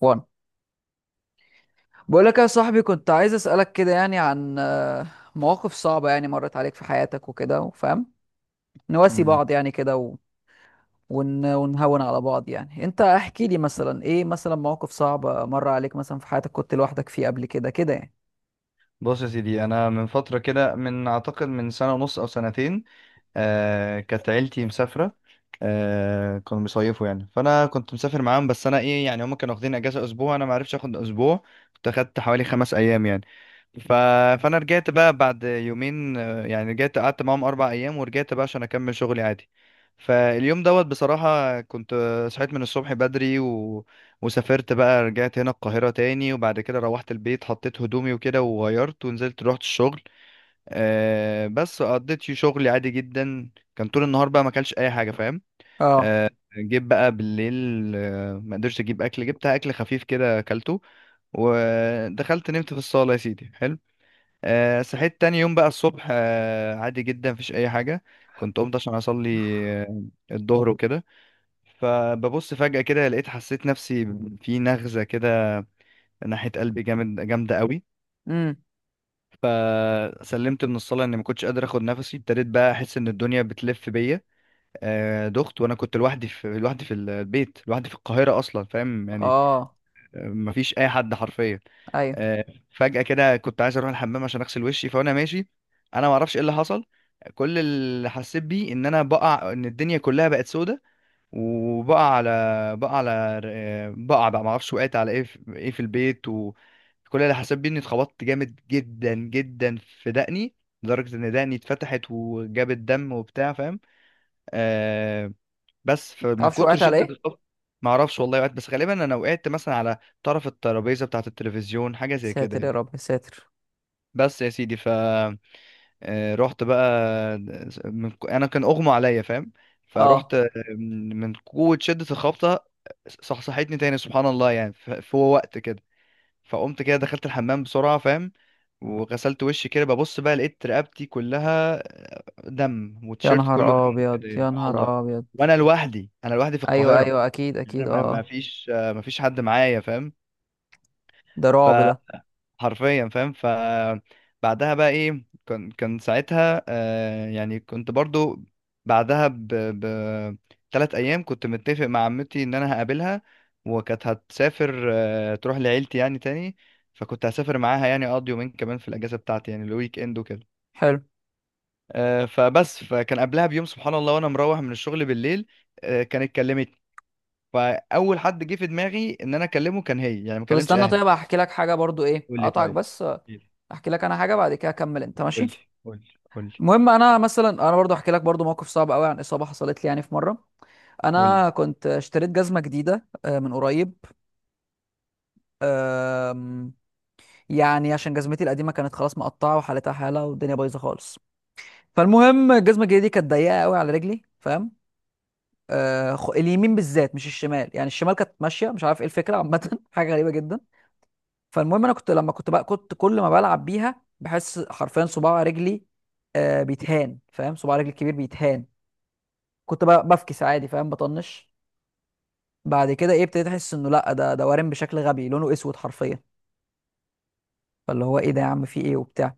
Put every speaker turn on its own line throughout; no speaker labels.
وان، بقول لك يا صاحبي كنت عايز اسالك كده يعني عن مواقف صعبه يعني مرت عليك في حياتك وكده، وفاهم نواسي
مم.
بعض يعني كده ونهون على بعض. يعني انت احكي لي مثلا ايه مثلا مواقف صعبه مر عليك مثلا في حياتك، كنت لوحدك فيه قبل كده كده يعني.
بص يا سيدي، انا من فتره كده، من اعتقد من سنه ونص او سنتين. كانت عيلتي مسافره. كانوا بيصيفوا يعني، فانا كنت مسافر معاهم. بس انا ايه يعني، هم كانوا واخدين اجازه اسبوع، انا ما عرفتش اخد اسبوع. كنت اخدت حوالي 5 ايام يعني. ف... فانا رجعت بقى بعد يومين، يعني رجعت قعدت معاهم 4 ايام ورجعت بقى عشان اكمل شغلي عادي. فاليوم دوت بصراحة، كنت صحيت من الصبح بدري، وسافرت بقى رجعت هنا القاهرة تاني، وبعد كده روحت البيت، حطيت هدومي وكده وغيرت، ونزلت رحت الشغل. بس قضيت فيه شغلي عادي جدا. كان طول النهار بقى ما اكلش اي حاجة، فاهم؟
اه.
آه جيت بقى بالليل، ما قدرتش اجيب اكل، جبت اكل خفيف كده اكلته، ودخلت نمت في الصالة يا سيدي حلو. صحيت تاني يوم بقى الصبح، عادي جدا، مفيش اي حاجه. كنت قمت عشان اصلي، آه الظهر وكده. فببص فجاه كده، لقيت حسيت نفسي في نغزه كده ناحيه قلبي، جامده قوي.
امم.
فسلمت من الصلاه اني ما كنتش قادر اخد نفسي، ابتديت بقى احس ان الدنيا بتلف بيا. دخت، وانا كنت لوحدي، في البيت، لوحدي في القاهره اصلا، فاهم يعني؟
اه.
مفيش اي حد حرفيا.
ايوه.
آه، فجأة كده كنت عايز اروح الحمام عشان اغسل وشي، فانا ماشي، انا ما اعرفش ايه اللي حصل. كل اللي حسيت بيه ان انا بقع، ان الدنيا كلها بقت سودة، وبقع على بقع على آه، بقع بقى ما اعرفش وقعت على ايه، في البيت. وكل اللي حسيت بيه اني اتخبطت جامد جدا جدا في دقني، لدرجة ان دقني اتفتحت وجابت دم وبتاع، فاهم؟ آه بس فمن
تعرفش
كتر
وقعت على
شدة
ايه؟
الخبط، ما اعرفش والله وقعت، بس غالبا انا وقعت مثلا على طرف الترابيزة بتاعة التلفزيون، حاجة زي كده
ساتر يا
يعني.
رب ساتر.
بس يا سيدي، ف آه، رحت بقى، انا كان اغمى عليا، فاهم؟ فرحت،
اه،
من قوة شدة الخبطة صحصحتني تاني، سبحان الله يعني، في وقت كده. فقمت كده دخلت الحمام بسرعة، فاهم؟ وغسلت وشي كده، ببص بقى لقيت رقبتي كلها دم،
يا
والتيشيرت كله
نهار
دم
ابيض
كده يعني،
يا
اه والله.
نهار ابيض.
وانا لوحدي، انا لوحدي في
ايوه
القاهرة،
ايوه، اكيد
يعني انا
اكيد. اه
ما
آه.
فيش، ما فيش حد معايا، فاهم؟
ده رعب ده.
حرفيا، فاهم؟ فبعدها بقى ايه، كان ساعتها يعني كنت برضو. بعدها 3 ايام كنت متفق مع عمتي ان انا هقابلها، وكانت هتسافر تروح لعيلتي يعني تاني. فكنت هسافر معاها، يعني اقضي يومين كمان في الاجازه بتاعتي، يعني الويك اند وكده.
حلو.
فبس فكان قبلها بيوم، سبحان الله، وانا مروح من الشغل بالليل، كانت كلمت. فاول حد جه في دماغي ان انا اكلمه كان هي، يعني ما
طب
كلمتش
استنى،
اهلي.
طيب هحكي لك حاجه برضو، ايه
قول لي
اقطعك
طيب.
بس احكي لك انا حاجه، بعد كده اكمل انت
قول
ماشي.
لي قول لي. قول لي.
المهم انا مثلا، انا برضو احكي لك برضو موقف صعب قوي عن اصابه حصلت لي يعني في مره.
قول
انا
لي.
كنت اشتريت جزمه جديده من قريب. آم، يعني عشان جزمتي القديمه كانت خلاص مقطعه وحالتها حاله والدنيا بايظه خالص. فالمهم الجزمه الجديده دي كانت ضيقه قوي على رجلي، فاهم؟ اليمين بالذات مش الشمال، يعني الشمال كانت ماشيه، مش عارف ايه الفكره عامه حاجه غريبه جدا. فالمهم انا كنت لما كنت بقى كنت كل ما بلعب بيها بحس حرفيا صباع رجلي بيتهان، فاهم؟ صباع رجلي الكبير بيتهان. كنت بقى بفكس عادي، فاهم، بطنش. بعد كده ايه، ابتديت احس انه لا، ده وارم بشكل غبي، لونه اسود حرفيا. فاللي هو ايه ده يا عم، في ايه وبتاع.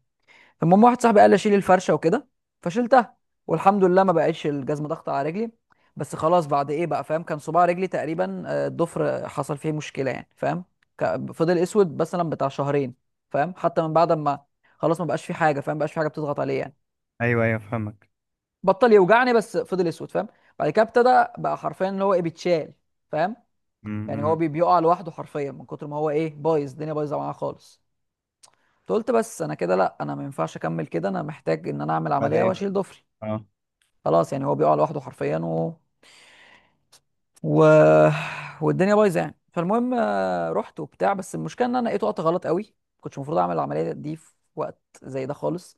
المهم واحد صاحبي قال لي اشيل الفرشه وكده، فشيلتها، والحمد لله ما بقتش الجزمه ضغط على رجلي. بس خلاص بعد ايه بقى فاهم، كان صباع رجلي تقريبا الضفر حصل فيه مشكله يعني، فاهم؟ فضل اسود مثلا بتاع شهرين، فاهم، حتى من بعد ما خلاص ما بقاش فيه حاجه، فاهم، ما بقاش فيه حاجه بتضغط عليه يعني.
ايوه، ايوه، فهمك.
بطل يوجعني بس فضل اسود، فاهم. بعد كده ابتدى بقى حرفيا اللي هو ايه، بيتشال، فاهم؟ يعني هو
امم.
بيقع لوحده حرفيا من كتر ما هو ايه بايظ، الدنيا بايظه معاه خالص. قلت بس انا كده لا، انا ما ينفعش اكمل كده، انا محتاج ان انا اعمل عمليه
بعدين.
واشيل ضفري.
اه.
خلاص يعني هو بيقع لوحده حرفيا و... والدنيا بايظه يعني. فالمهم رحت وبتاع، بس المشكله ان انا لقيته وقت غلط قوي. كنتش المفروض اعمل العمليه دي في وقت زي ده خالص.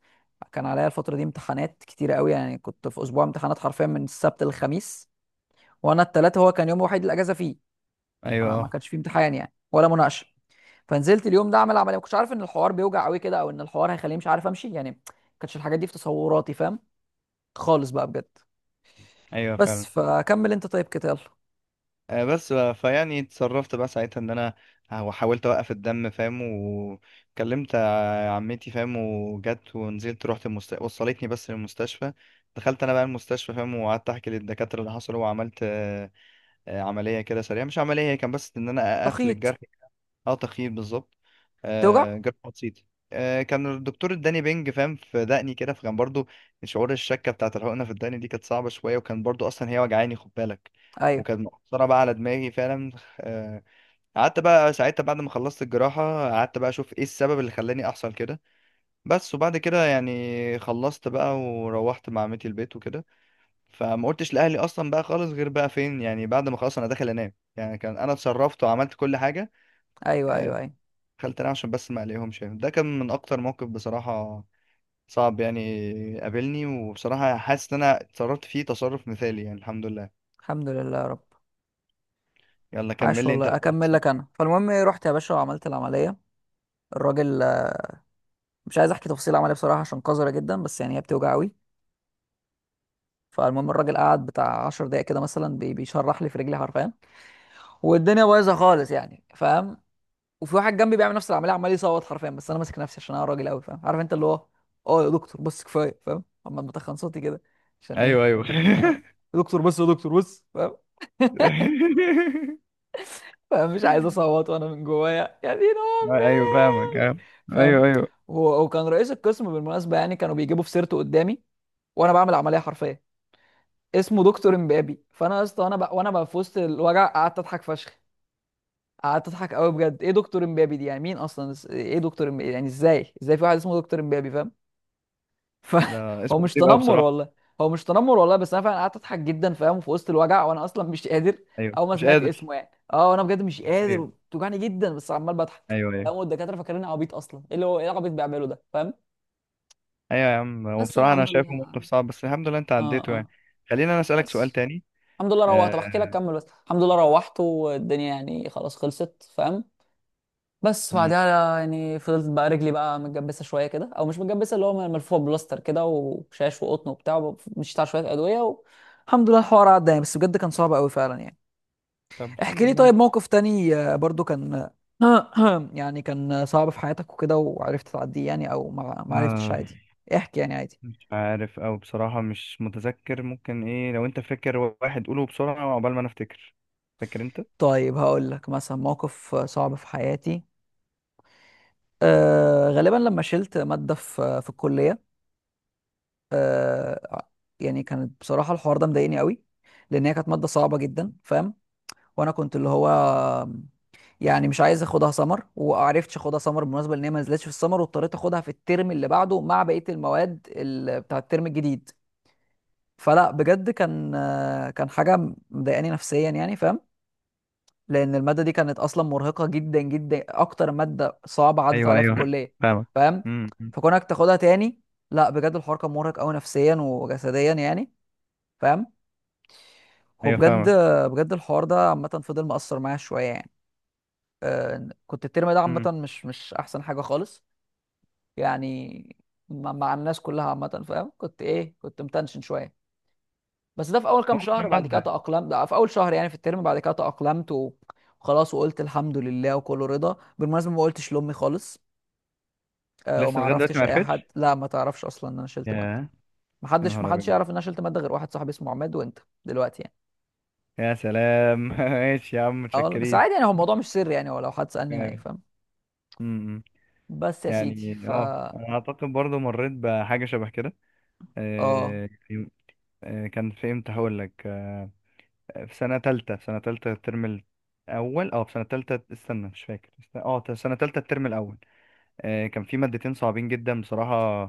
كان عليا الفتره دي امتحانات كتيره قوي، يعني كنت في اسبوع امتحانات حرفيا من السبت للخميس. وانا التلاتة هو كان يوم الوحيد الاجازه فيه،
ايوه.
ما
اه.
كانش فيه امتحان يعني ولا مناقشه. فنزلت اليوم ده اعمل عمليه، ما كنتش عارف ان الحوار بيوجع قوي كده، او ان الحوار هيخليني مش عارف امشي يعني. ما كانتش الحاجات دي في تصوراتي، فاهم؟ خالص بقى بجد.
ايوه
بس
فعلا.
فكمل انت طيب كده يلا.
بس بقى، فيعني اتصرفت بقى ساعتها ان انا حاولت اوقف الدم، فاهم؟ وكلمت عمتي، فاهم؟ وجت ونزلت رحت، وصلتني بس للمستشفى. دخلت انا بقى المستشفى، فاهم؟ وقعدت احكي للدكاتره اللي حصل، وعملت عمليه كده سريعه، مش عمليه، هي كان بس ان انا اقفل
تخيط.
الجرح. اه، تخييم بالظبط.
توجع.
جراحة بسيطة. كان الدكتور اداني بنج، فاهم؟ في دقني كده، فكان برضو شعور الشكة بتاعت الحقنة في الدقن دي كانت صعبة شوية، وكان برضو أصلا هي وجعاني، خد بالك.
ايوه
وكانت مؤثرة بقى على دماغي فعلا. آه قعدت بقى ساعتها بعد ما خلصت الجراحة، قعدت بقى أشوف إيه السبب اللي خلاني أحصل كده. بس وبعد كده يعني خلصت بقى، وروحت مع عمتي البيت وكده. فما قلتش لأهلي أصلا بقى خالص، غير بقى فين، يعني بعد ما خلاص أنا داخل أنام، يعني كان أنا اتصرفت وعملت كل حاجة.
ايوه ايوه.
آه،
ايوه.
خلت انا عشان بس ما عليهمش، يعني ده كان من اكتر موقف بصراحة صعب يعني قابلني، وبصراحة حاسس ان انا اتصرفت فيه تصرف مثالي، يعني الحمد لله.
الحمد لله يا رب.
يلا كمل
عاش
لي انت
والله.
بقى اللي
اكمل
حصل.
لك انا، فالمهم إيه، رحت يا باشا وعملت العمليه. الراجل مش عايز احكي تفاصيل العمليه بصراحه عشان قذره جدا، بس يعني هي بتوجع قوي. فالمهم الراجل قعد بتاع 10 دقايق كده مثلا بيشرح لي في رجلي حرفيا، والدنيا بايظه خالص يعني، فاهم. وفي واحد جنبي بيعمل نفس العمليه عمال يصوت حرفيا، بس انا ماسك نفسي عشان انا راجل قوي، فاهم، عارف انت اللي هو، اه يا دكتور بس كفايه، فاهم، اما بتخن صوتي كده عشان ايه.
ايوه، ايوه.
آه، يا دكتور بس يا دكتور بس. فمش عايز اصوت، وانا من جوايا يا دين
ايوه فاهمك.
امي،
آه.
فاهم.
ايوه، ايوه.
هو وكان رئيس القسم بالمناسبه يعني، كانوا بيجيبوا في سيرته قدامي وانا بعمل عمليه حرفيه. اسمه دكتور امبابي، فانا يا اسطى وانا وانا بقى في وسط الوجع قعدت اضحك فشخ. قعدت اضحك قوي بجد، ايه دكتور امبابي دي يعني، مين اصلا، ايه دكتور امبابي يعني، ازاي ازاي في واحد اسمه دكتور امبابي، فاهم.
لا،
فهو
اسمه
مش
غريب قوي
تنمر
بصراحة.
والله. هو مش تنمر والله، بس انا فعلا قعدت اضحك جدا، فاهم، في وسط الوجع وانا اصلا مش قادر.
ايوه
اول ما
مش
سمعت
قادر.
اسمه يعني اه، انا بجد مش قادر
ايوه،
وبتوجعني جدا، بس عمال بضحك،
ايوه، ايوه.
فاهم، والدكاتره فاكريني عبيط اصلا، ايه اللي هو ايه العبيط بيعمله ده، فاهم.
ايوه يا عم، هو
بس
بصراحة انا
الحمد
شايفه
لله.
موقف صعب، بس الحمد لله انت
اه
عديته
اه.
يعني. خلينا، انا اسألك سؤال
بس
تاني.
الحمد لله روحت.
آه.
طب احكي لك كمل، بس الحمد لله روحت والدنيا يعني خلاص خلصت، فاهم. بس
مم.
بعدها يعني فضلت بقى رجلي بقى متجبسه شويه كده، او مش متجبسه، اللي هو ملفوفه بلاستر كده وشاش وقطن وبتاع، مشيت على شويه ادويه الحمد لله الحوار عدى يعني، بس بجد كان صعب قوي فعلا يعني.
طب
احكي
الحمد
لي
لله.
طيب موقف تاني برضو كان يعني كان صعب في حياتك وكده، وعرفت تعديه يعني، او ما عرفتش
آه.
عادي. احكي يعني عادي.
مش عارف، او بصراحة مش متذكر، ممكن ايه لو انت فاكر. واحد قوله بسرعة عقبال ما انا افتكر. فاكر انت؟
طيب هقول لك مثلا موقف صعب في حياتي. أه غالبا لما شلت مادة في الكلية. آه يعني كانت بصراحة الحوار ده مضايقني قوي، لأن هي كانت مادة صعبة جدا، فاهم. وأنا كنت اللي هو يعني مش عايز اخدها سمر، وعرفتش اخدها سمر بالمناسبة، لأن هي ما نزلتش في السمر، واضطريت اخدها في الترم اللي بعده مع بقية المواد بتاع الترم الجديد. فلا بجد كان كان حاجة مضايقاني نفسيا يعني، فاهم، لأن المادة دي كانت أصلا مرهقة جدا جدا، أكتر مادة صعبة عدت
ايوه،
عليها في
ايوه،
الكلية،
فاهمك.
فاهم.
امم.
فكونك تاخدها تاني، لا بجد الحوار كان مرهق قوي نفسيا وجسديا يعني، فاهم. هو
ايوه
بجد،
فاهمك.
بجد الحوار ده عامة فضل مأثر معايا شوية يعني. كنت الترم ده عامة
امم.
مش أحسن حاجة خالص، يعني مع الناس كلها عامة، فاهم، كنت إيه، كنت متنشن شوية. بس ده في أول كام شهر، بعد
عدى.
كده تأقلمت، ده في أول شهر يعني في الترم، بعد كده تأقلمت و- وخلاص، وقلت الحمد لله وكله رضا. بالمناسبة ما قلتش لأمي خالص وما
لسه لغاية دلوقتي ما
عرفتش أي
عرفتش.
حد، لا ما تعرفش أصلا إن أنا شلت مادة.
يا يا
محدش
نهار
محدش
ابيض.
يعرف إن أنا شلت مادة غير واحد صاحبي اسمه عماد، وأنت دلوقتي يعني.
يا سلام. ماشي يا عم،
اه والله، بس
متشكرين.
عادي يعني، هو الموضوع مش سر يعني، ولو حد سألني
أيوة.
هيفهم.
امم،
بس يا سيدي
يعني اه،
فا،
انا اعتقد برضو مريت بحاجة شبه كده.
اه
آه، كان في امتى، هقول لك. في سنة تالتة، الترم الأول، أو في سنة تالتة، استنى، مش فاكر، في سنة تالتة الترم الأول. كان في مادتين صعبين جدا بصراحة،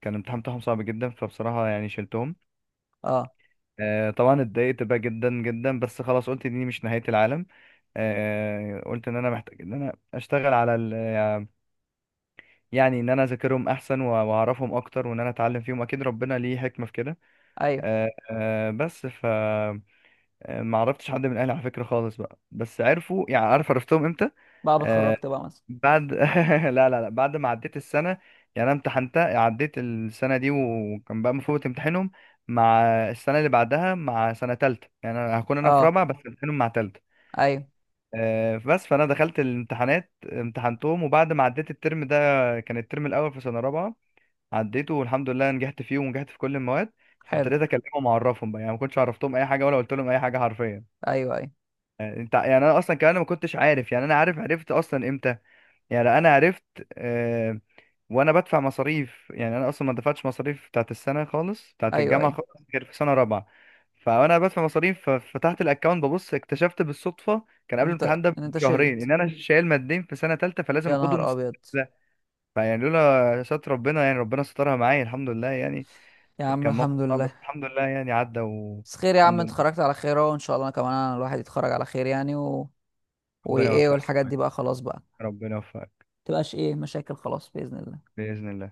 كان الامتحان بتاعهم صعب جدا، فبصراحة يعني شلتهم.
اه.
طبعا اتضايقت بقى جدا جدا، بس خلاص قلت دي مش نهاية العالم. قلت إن أنا محتاج إن أنا أشتغل على يعني إن أنا أذاكرهم أحسن، وأعرفهم أكتر، وإن أنا أتعلم فيهم، أكيد ربنا ليه حكمة في كده.
ايوه
بس، ما عرفتش حد من الاهلي على فكره خالص بقى، بس عرفوا، يعني عارف عرفتهم امتى؟
بعد ما
آه
اتخرجت بقى مثلا.
بعد لا، لا، لا، بعد ما عديت السنه. يعني انا امتحنتها، عديت السنه دي، وكان بقى المفروض امتحنهم مع السنه اللي بعدها، مع سنه تالته، يعني انا هكون انا في
اه.
رابعه بس امتحنهم مع تالته.
ايوه.
بس فانا دخلت الامتحانات امتحنتهم، وبعد ما عديت الترم ده، كان الترم الاول في سنه رابعه، عديته والحمد لله نجحت فيه ونجحت في كل المواد.
حلو.
ابتديت اكلمهم واعرفهم بقى، يعني ما كنتش عرفتهم اي حاجه، ولا قلت لهم اي حاجه حرفيا.
ايوه ايوه
يعني انت، يعني انا اصلا كمان ما كنتش عارف، يعني انا عارف عرفت اصلا امتى؟ يعني انا عرفت آه وانا بدفع مصاريف. يعني انا اصلا ما دفعتش مصاريف بتاعت السنه خالص، بتاعت
ايوه
الجامعه
ايوه.
خالص، غير في سنه رابعه. فانا بدفع مصاريف، ففتحت الاكونت، ببص، اكتشفت بالصدفه، كان قبل
انت
الامتحان ده
انت
بشهرين،
شلت؟
ان انا شايل مادين في سنه ثالثه، فلازم
يا نهار
اخدهم السنة
ابيض.
ده. فيعني لولا ستر ربنا، يعني ربنا سترها معايا، الحمد لله يعني.
يا عم
كان موقف
الحمد
صعب بس
لله.
الحمد لله يعني عدى،
بس خير يا عم،
والحمد
انت
لله.
اتخرجت على خير اهو، ان شاء الله انا كمان، انا الواحد يتخرج على خير يعني
ربنا
وايه،
يوفقك يا
والحاجات
اخويا،
دي بقى خلاص بقى،
ربنا يوفقك.
متبقاش ايه مشاكل خلاص باذن الله.
باذن الله.